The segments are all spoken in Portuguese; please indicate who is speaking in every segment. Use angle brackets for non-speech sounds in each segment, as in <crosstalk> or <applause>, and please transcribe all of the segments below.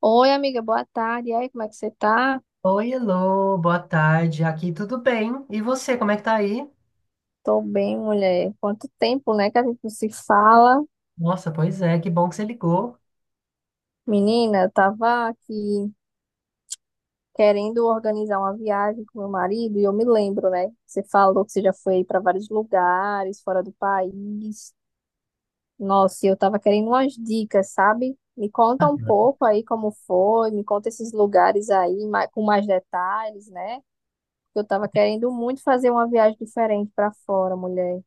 Speaker 1: Oi, amiga, boa tarde. E aí, como é que você tá?
Speaker 2: Oi, Elô, boa tarde. Aqui tudo bem? E você, como é que tá aí?
Speaker 1: Tô bem, mulher. Quanto tempo, né, que a gente não se fala?
Speaker 2: Nossa, pois é, que bom que você ligou.
Speaker 1: Menina, eu tava aqui querendo organizar uma viagem com meu marido e eu me lembro, né? Você falou que você já foi para vários lugares fora do país. Nossa, e eu tava querendo umas dicas, sabe? Me conta um pouco aí como foi, me conta esses lugares aí com mais detalhes, né? Eu tava querendo muito fazer uma viagem diferente para fora, mulher.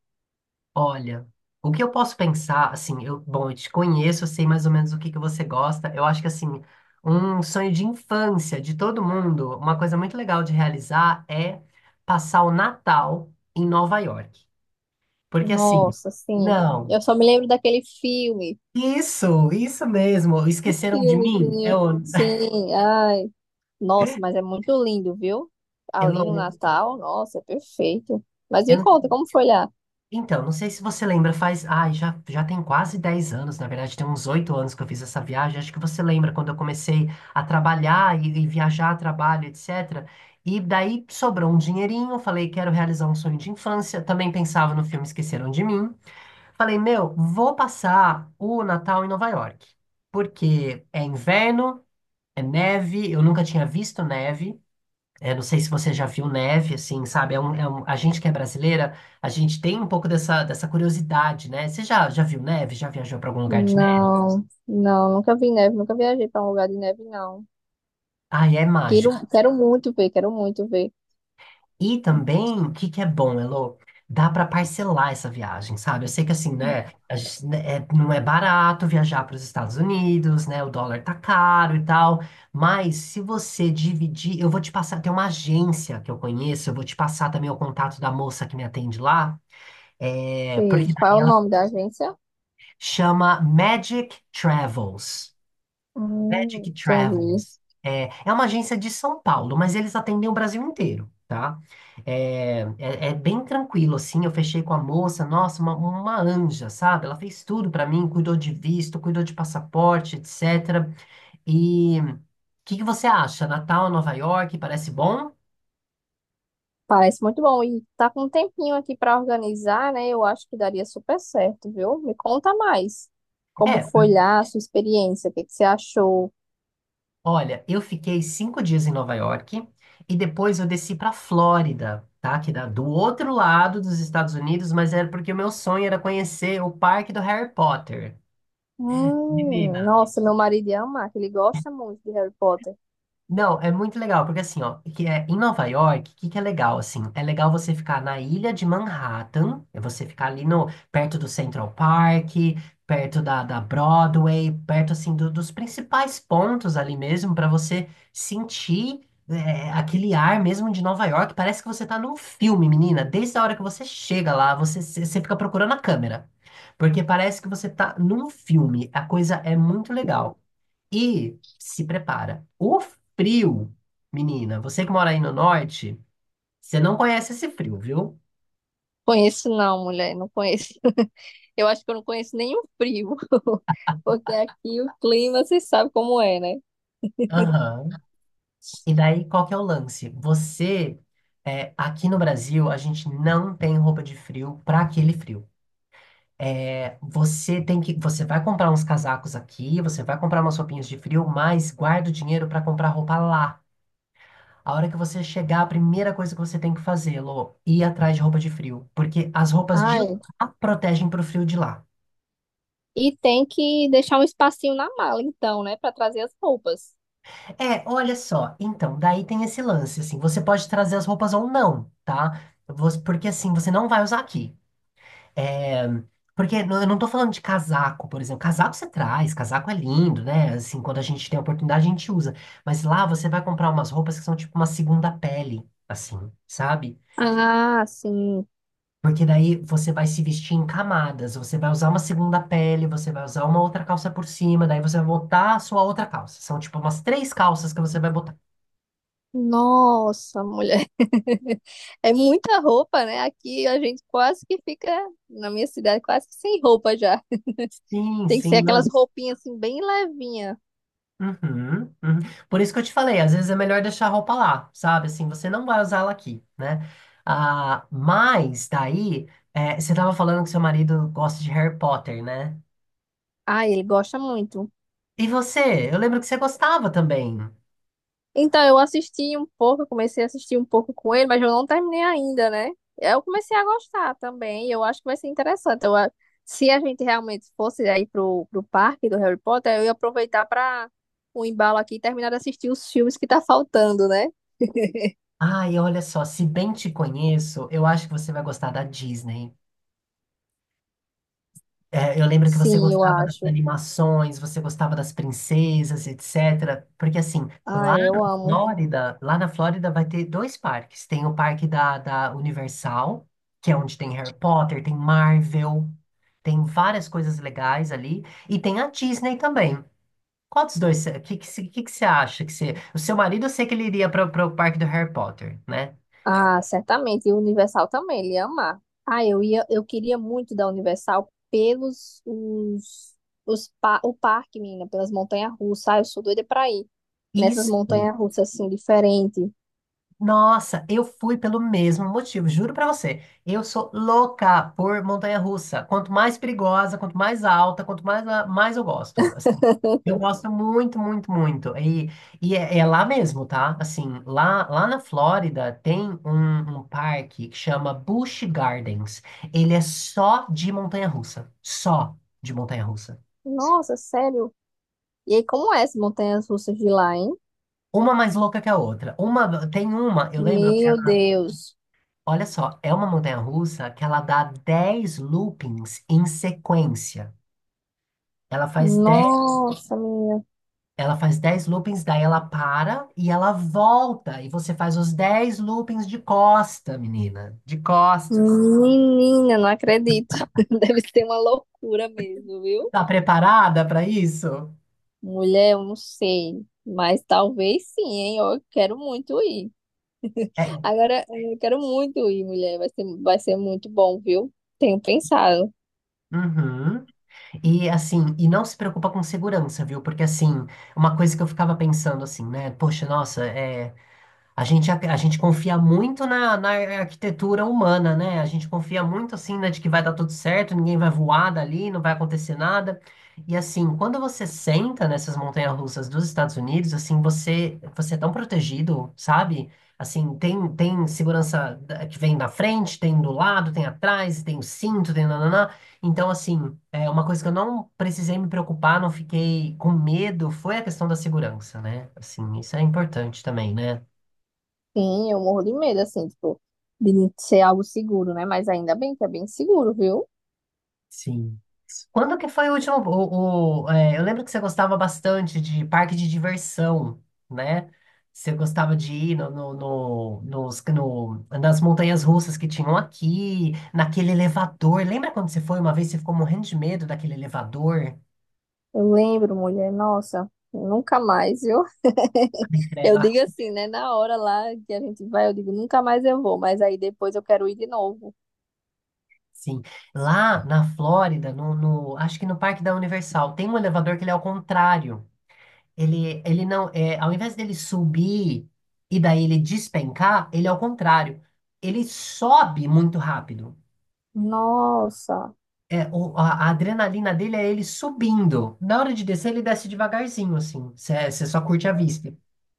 Speaker 2: Olha, o que eu posso pensar, assim, eu te conheço, eu sei mais ou menos o que que você gosta. Eu acho que, assim, um sonho de infância de todo mundo, uma coisa muito legal de realizar é passar o Natal em Nova York. Porque, assim,
Speaker 1: Nossa, sim.
Speaker 2: não,
Speaker 1: Eu só me lembro daquele filme.
Speaker 2: isso mesmo, esqueceram de mim?
Speaker 1: Filmezinho. Sim, ai. Nossa,
Speaker 2: <laughs>
Speaker 1: mas é muito lindo, viu? Ali
Speaker 2: Elô,
Speaker 1: no
Speaker 2: né?
Speaker 1: Natal, nossa, é perfeito. Mas
Speaker 2: eu
Speaker 1: me
Speaker 2: não
Speaker 1: conta, como foi lá?
Speaker 2: Então, não sei se você lembra, faz. Ai, já tem quase 10 anos, na verdade, tem uns 8 anos que eu fiz essa viagem. Acho que você lembra quando eu comecei a trabalhar e viajar a trabalho, etc. E daí sobrou um dinheirinho, falei, quero realizar um sonho de infância. Também pensava no filme Esqueceram de Mim. Falei, meu, vou passar o Natal em Nova York, porque é inverno, é neve, eu nunca tinha visto neve. É, não sei se você já viu neve, assim, sabe? A gente que é brasileira, a gente tem um pouco dessa curiosidade, né? Você já viu neve? Já viajou para algum lugar de neve?
Speaker 1: Não, não, nunca vi neve, nunca viajei para um lugar de neve, não.
Speaker 2: Ah, é
Speaker 1: Quero,
Speaker 2: mágico.
Speaker 1: quero muito ver, quero muito ver.
Speaker 2: E também, o que que é bom, Elô? Dá para parcelar essa viagem, sabe? Eu sei que, assim, né? A gente- né, é- não é barato viajar para os Estados Unidos, né? O dólar tá caro e tal. Mas se você dividir, eu vou te passar. Tem uma agência que eu conheço, eu vou te passar também o contato da moça que me atende lá. É,
Speaker 1: Sim.
Speaker 2: porque
Speaker 1: Qual é o nome da agência?
Speaker 2: chama Magic Travels. Magic
Speaker 1: Entendi.
Speaker 2: Travels. É uma agência de São Paulo, mas eles atendem o Brasil inteiro, tá? É bem tranquilo, assim. Eu fechei com a moça, nossa, uma anja, sabe? Ela fez tudo pra mim, cuidou de visto, cuidou de passaporte, etc. E o que que você acha? Natal, Nova York, parece bom?
Speaker 1: Parece muito bom. E tá com um tempinho aqui para organizar, né? Eu acho que daria super certo, viu? Me conta mais. Como
Speaker 2: É,
Speaker 1: foi lá a sua experiência? O que que você achou?
Speaker 2: Olha, eu fiquei 5 dias em Nova York e depois eu desci para Flórida, tá? Que dá do outro lado dos Estados Unidos, mas era porque o meu sonho era conhecer o parque do Harry Potter. Menina,
Speaker 1: Nossa, meu marido ia amar, que ele gosta muito de Harry Potter.
Speaker 2: não, é muito legal, porque assim, ó, que é, em Nova York, o que, que é legal, assim? É legal você ficar na ilha de Manhattan, é você ficar ali no, perto do Central Park, perto da, da Broadway, perto, assim, do- dos principais pontos ali mesmo, para você sentir é, aquele ar mesmo de Nova York. Parece que você tá num filme, menina. Desde a hora que você chega lá, você fica procurando a câmera, porque parece que você tá num filme. A coisa é muito legal. E se prepara. O frio, menina, você que mora aí no norte, você não conhece esse frio, viu?
Speaker 1: Conheço não, mulher, não conheço. <laughs> Eu acho que eu não conheço nenhum frio, <laughs> porque aqui o clima, você sabe como é, né?
Speaker 2: Aham. E daí, qual que é o lance? Você, é, aqui no Brasil, a gente não tem roupa de frio para aquele frio. É, você tem que, você vai comprar uns casacos aqui, você vai comprar umas roupinhas de frio, mas guarda o dinheiro para comprar roupa lá. A hora que você chegar, a primeira coisa que você tem que fazer, Lô, ir atrás de roupa de frio, porque as roupas de
Speaker 1: Ai,
Speaker 2: lá protegem pro frio de lá.
Speaker 1: e tem que deixar um espacinho na mala, então, né, para trazer as roupas.
Speaker 2: É, olha só. Então, daí tem esse lance, assim, você pode trazer as roupas ou não, tá? Você- porque assim, você não vai usar aqui. É, porque eu não tô falando de casaco, por exemplo. Casaco você traz, casaco é lindo, né? Assim, quando a gente tem a oportunidade, a gente usa. Mas lá você vai comprar umas roupas que são tipo uma segunda pele, assim, sabe?
Speaker 1: Ah, sim.
Speaker 2: Porque daí você vai se vestir em camadas, você vai usar uma segunda pele, você vai usar uma outra calça por cima, daí você vai botar a sua outra calça. São tipo umas três calças que você vai botar.
Speaker 1: Nossa, mulher. <laughs> É muita roupa, né? Aqui a gente quase que fica, na minha cidade, quase que sem roupa já.
Speaker 2: Sim,
Speaker 1: Tem que ser
Speaker 2: sim.
Speaker 1: aquelas roupinhas assim, bem levinha.
Speaker 2: Uhum, uhum. Por isso que eu te falei, às vezes é melhor deixar a roupa lá, sabe? Assim, você não vai usá-la aqui, né? Ah, mas daí, é, você tava falando que seu marido gosta de Harry Potter, né?
Speaker 1: Ah, ele gosta muito.
Speaker 2: E você? Eu lembro que você gostava também.
Speaker 1: Então, eu assisti um pouco, eu comecei a assistir um pouco com ele, mas eu não terminei ainda, né? Eu comecei a gostar também, eu acho que vai ser interessante. Se a gente realmente fosse aí pro parque do Harry Potter, eu ia aproveitar para o embalo aqui e terminar de assistir os filmes que tá faltando, né?
Speaker 2: Ai, olha só, se bem te conheço, eu acho que você vai gostar da Disney. É, eu lembro que você
Speaker 1: Sim, eu
Speaker 2: gostava das
Speaker 1: acho.
Speaker 2: animações, você gostava das princesas, etc. Porque assim,
Speaker 1: Ah,
Speaker 2: lá na
Speaker 1: eu amo.
Speaker 2: Flórida, lá, na Flórida vai ter dois parques. Tem o parque da Universal, que é onde tem Harry Potter, tem Marvel, tem várias coisas legais ali. E tem a Disney também. Qual dos dois? O que, que, cê- que você acha? Que você, o seu marido, eu sei que ele iria para o parque do Harry Potter, né?
Speaker 1: Ah, certamente. E o Universal também, ele ia amar. Ah, eu ia, eu queria muito da Universal pelos os pa- o parque, menina, pelas montanhas-russas. Ah, eu sou doida pra ir nessas
Speaker 2: Isso.
Speaker 1: montanhas-russas assim diferente.
Speaker 2: Nossa, eu fui pelo mesmo motivo, juro pra você. Eu sou louca por montanha-russa. Quanto mais perigosa, quanto mais alta, quanto mais, ah, mais eu gosto, assim. Eu gosto muito, muito, muito. E, é lá mesmo, tá? Assim, lá na Flórida tem um parque que chama Busch Gardens. Ele é só de montanha-russa. Só de montanha-russa.
Speaker 1: Nossa, sério. E aí, como é essas montanhas-russas de lá, hein?
Speaker 2: Uma mais louca que a outra. Uma, tem uma, eu lembro,
Speaker 1: Meu Deus.
Speaker 2: olha só, é uma montanha-russa que ela dá 10 loopings em sequência. Ela faz 10,
Speaker 1: Nossa, minha
Speaker 2: ela faz 10 loopings, daí ela para e ela volta. E você faz os 10 loopings de costa, menina. De costas.
Speaker 1: menina, não acredito. <laughs> Deve ser uma loucura mesmo, viu?
Speaker 2: Tá preparada para isso?
Speaker 1: Mulher, eu não sei, mas talvez sim, hein? Eu quero muito ir.
Speaker 2: É.
Speaker 1: Agora, é, eu quero muito ir, mulher. Vai ser muito bom, viu? Tenho pensado.
Speaker 2: Uhum. E assim, e não se preocupa com segurança, viu? Porque assim, uma coisa que eu ficava pensando assim, né? Poxa, nossa, é. A gente confia muito na, arquitetura humana, né? A gente confia muito, assim, né, de que vai dar tudo certo, ninguém vai voar dali, não vai acontecer nada. E, assim, quando você senta nessas montanhas-russas dos Estados Unidos, assim, você é tão protegido, sabe? Assim, tem segurança que vem da frente, tem do lado, tem atrás, tem o cinto, tem nananã. Então, assim, é uma coisa que eu não precisei me preocupar, não fiquei com medo, foi a questão da segurança, né? Assim, isso é importante também, né?
Speaker 1: Sim, eu morro de medo, assim, tipo, de não ser algo seguro, né? Mas ainda bem que é bem seguro, viu?
Speaker 2: Sim. Quando que foi o último? É, eu lembro que você gostava bastante de parque de diversão, né? Você gostava de ir no, no, no- nos, no- nas montanhas russas que tinham aqui, naquele elevador. Lembra quando você foi uma vez, você ficou morrendo de medo daquele elevador?
Speaker 1: Eu lembro, mulher, nossa, nunca mais, viu? <laughs>
Speaker 2: Ai, credo.
Speaker 1: Eu
Speaker 2: Ah,
Speaker 1: digo assim, né? Na hora lá que a gente vai, eu digo, nunca mais eu vou, mas aí depois eu quero ir de novo.
Speaker 2: sim. Lá na Flórida, no, no- acho que no Parque da Universal, tem um elevador que ele é ao contrário. Ele não, é, ao invés dele subir e daí ele despencar, ele é ao contrário. Ele sobe muito rápido.
Speaker 1: Nossa,
Speaker 2: É, o- a adrenalina dele é ele subindo. Na hora de descer, ele desce devagarzinho, assim. Você só curte a vista.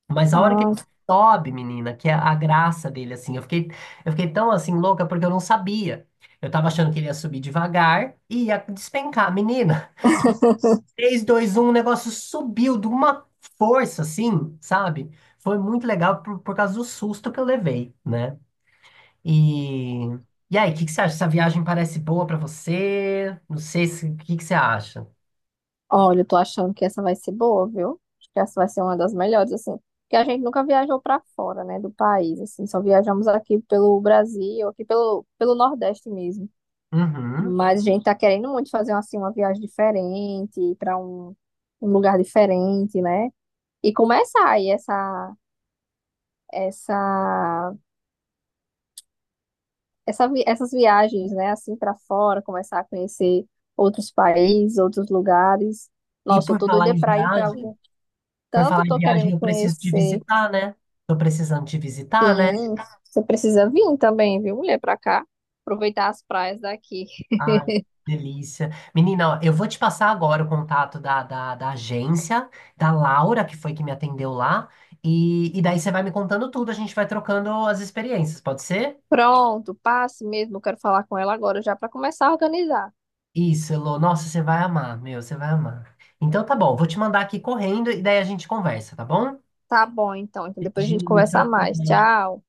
Speaker 2: Mas a hora que
Speaker 1: ah,
Speaker 2: ele sobe, menina, que é a graça dele, assim. Eu fiquei tão, assim, louca porque eu não sabia. Eu tava achando que ele ia subir devagar e ia despencar. Menino,
Speaker 1: <laughs>
Speaker 2: três, dois, um, o negócio subiu de uma força, assim, sabe? Foi muito legal por causa do susto que eu levei, né? E, e aí, o que, que você acha? Essa viagem parece boa pra você? Não sei se, o que, que você acha.
Speaker 1: Olha, eu tô achando que essa vai ser boa, viu? Acho que essa vai ser uma das melhores, assim. Porque a gente nunca viajou pra fora, né, do país, assim. Só viajamos aqui pelo Brasil, aqui pelo Nordeste mesmo.
Speaker 2: Uhum.
Speaker 1: Mas a gente tá querendo muito fazer, assim, uma viagem diferente, ir pra um, um lugar diferente, né? E começar aí essa, essas viagens, né, assim, pra fora, começar a conhecer outros países, outros lugares.
Speaker 2: E
Speaker 1: Nossa, eu
Speaker 2: por
Speaker 1: tô
Speaker 2: falar
Speaker 1: doida
Speaker 2: em
Speaker 1: pra ir pra
Speaker 2: viagem,
Speaker 1: algum.
Speaker 2: por
Speaker 1: Tanto
Speaker 2: falar em
Speaker 1: tô
Speaker 2: viagem,
Speaker 1: querendo
Speaker 2: eu preciso te
Speaker 1: conhecer.
Speaker 2: visitar, né? Tô precisando te visitar, né?
Speaker 1: Sim, você precisa vir também, viu, mulher, pra cá. Aproveitar as praias daqui.
Speaker 2: Ai, delícia. Menina, ó, eu vou te passar agora o contato da, da agência, da Laura, que foi que me atendeu lá, e daí você vai me contando tudo, a gente vai trocando as experiências, pode ser?
Speaker 1: Pronto, passe mesmo. Eu quero falar com ela agora já pra começar a organizar.
Speaker 2: Isso, Elô. Nossa, você vai amar, meu, você vai amar. Então tá bom, vou te mandar aqui correndo e daí a gente conversa, tá bom?
Speaker 1: Tá bom, então. Então depois a gente
Speaker 2: Beijinho, tchau,
Speaker 1: conversa mais.
Speaker 2: tchau.
Speaker 1: Tchau.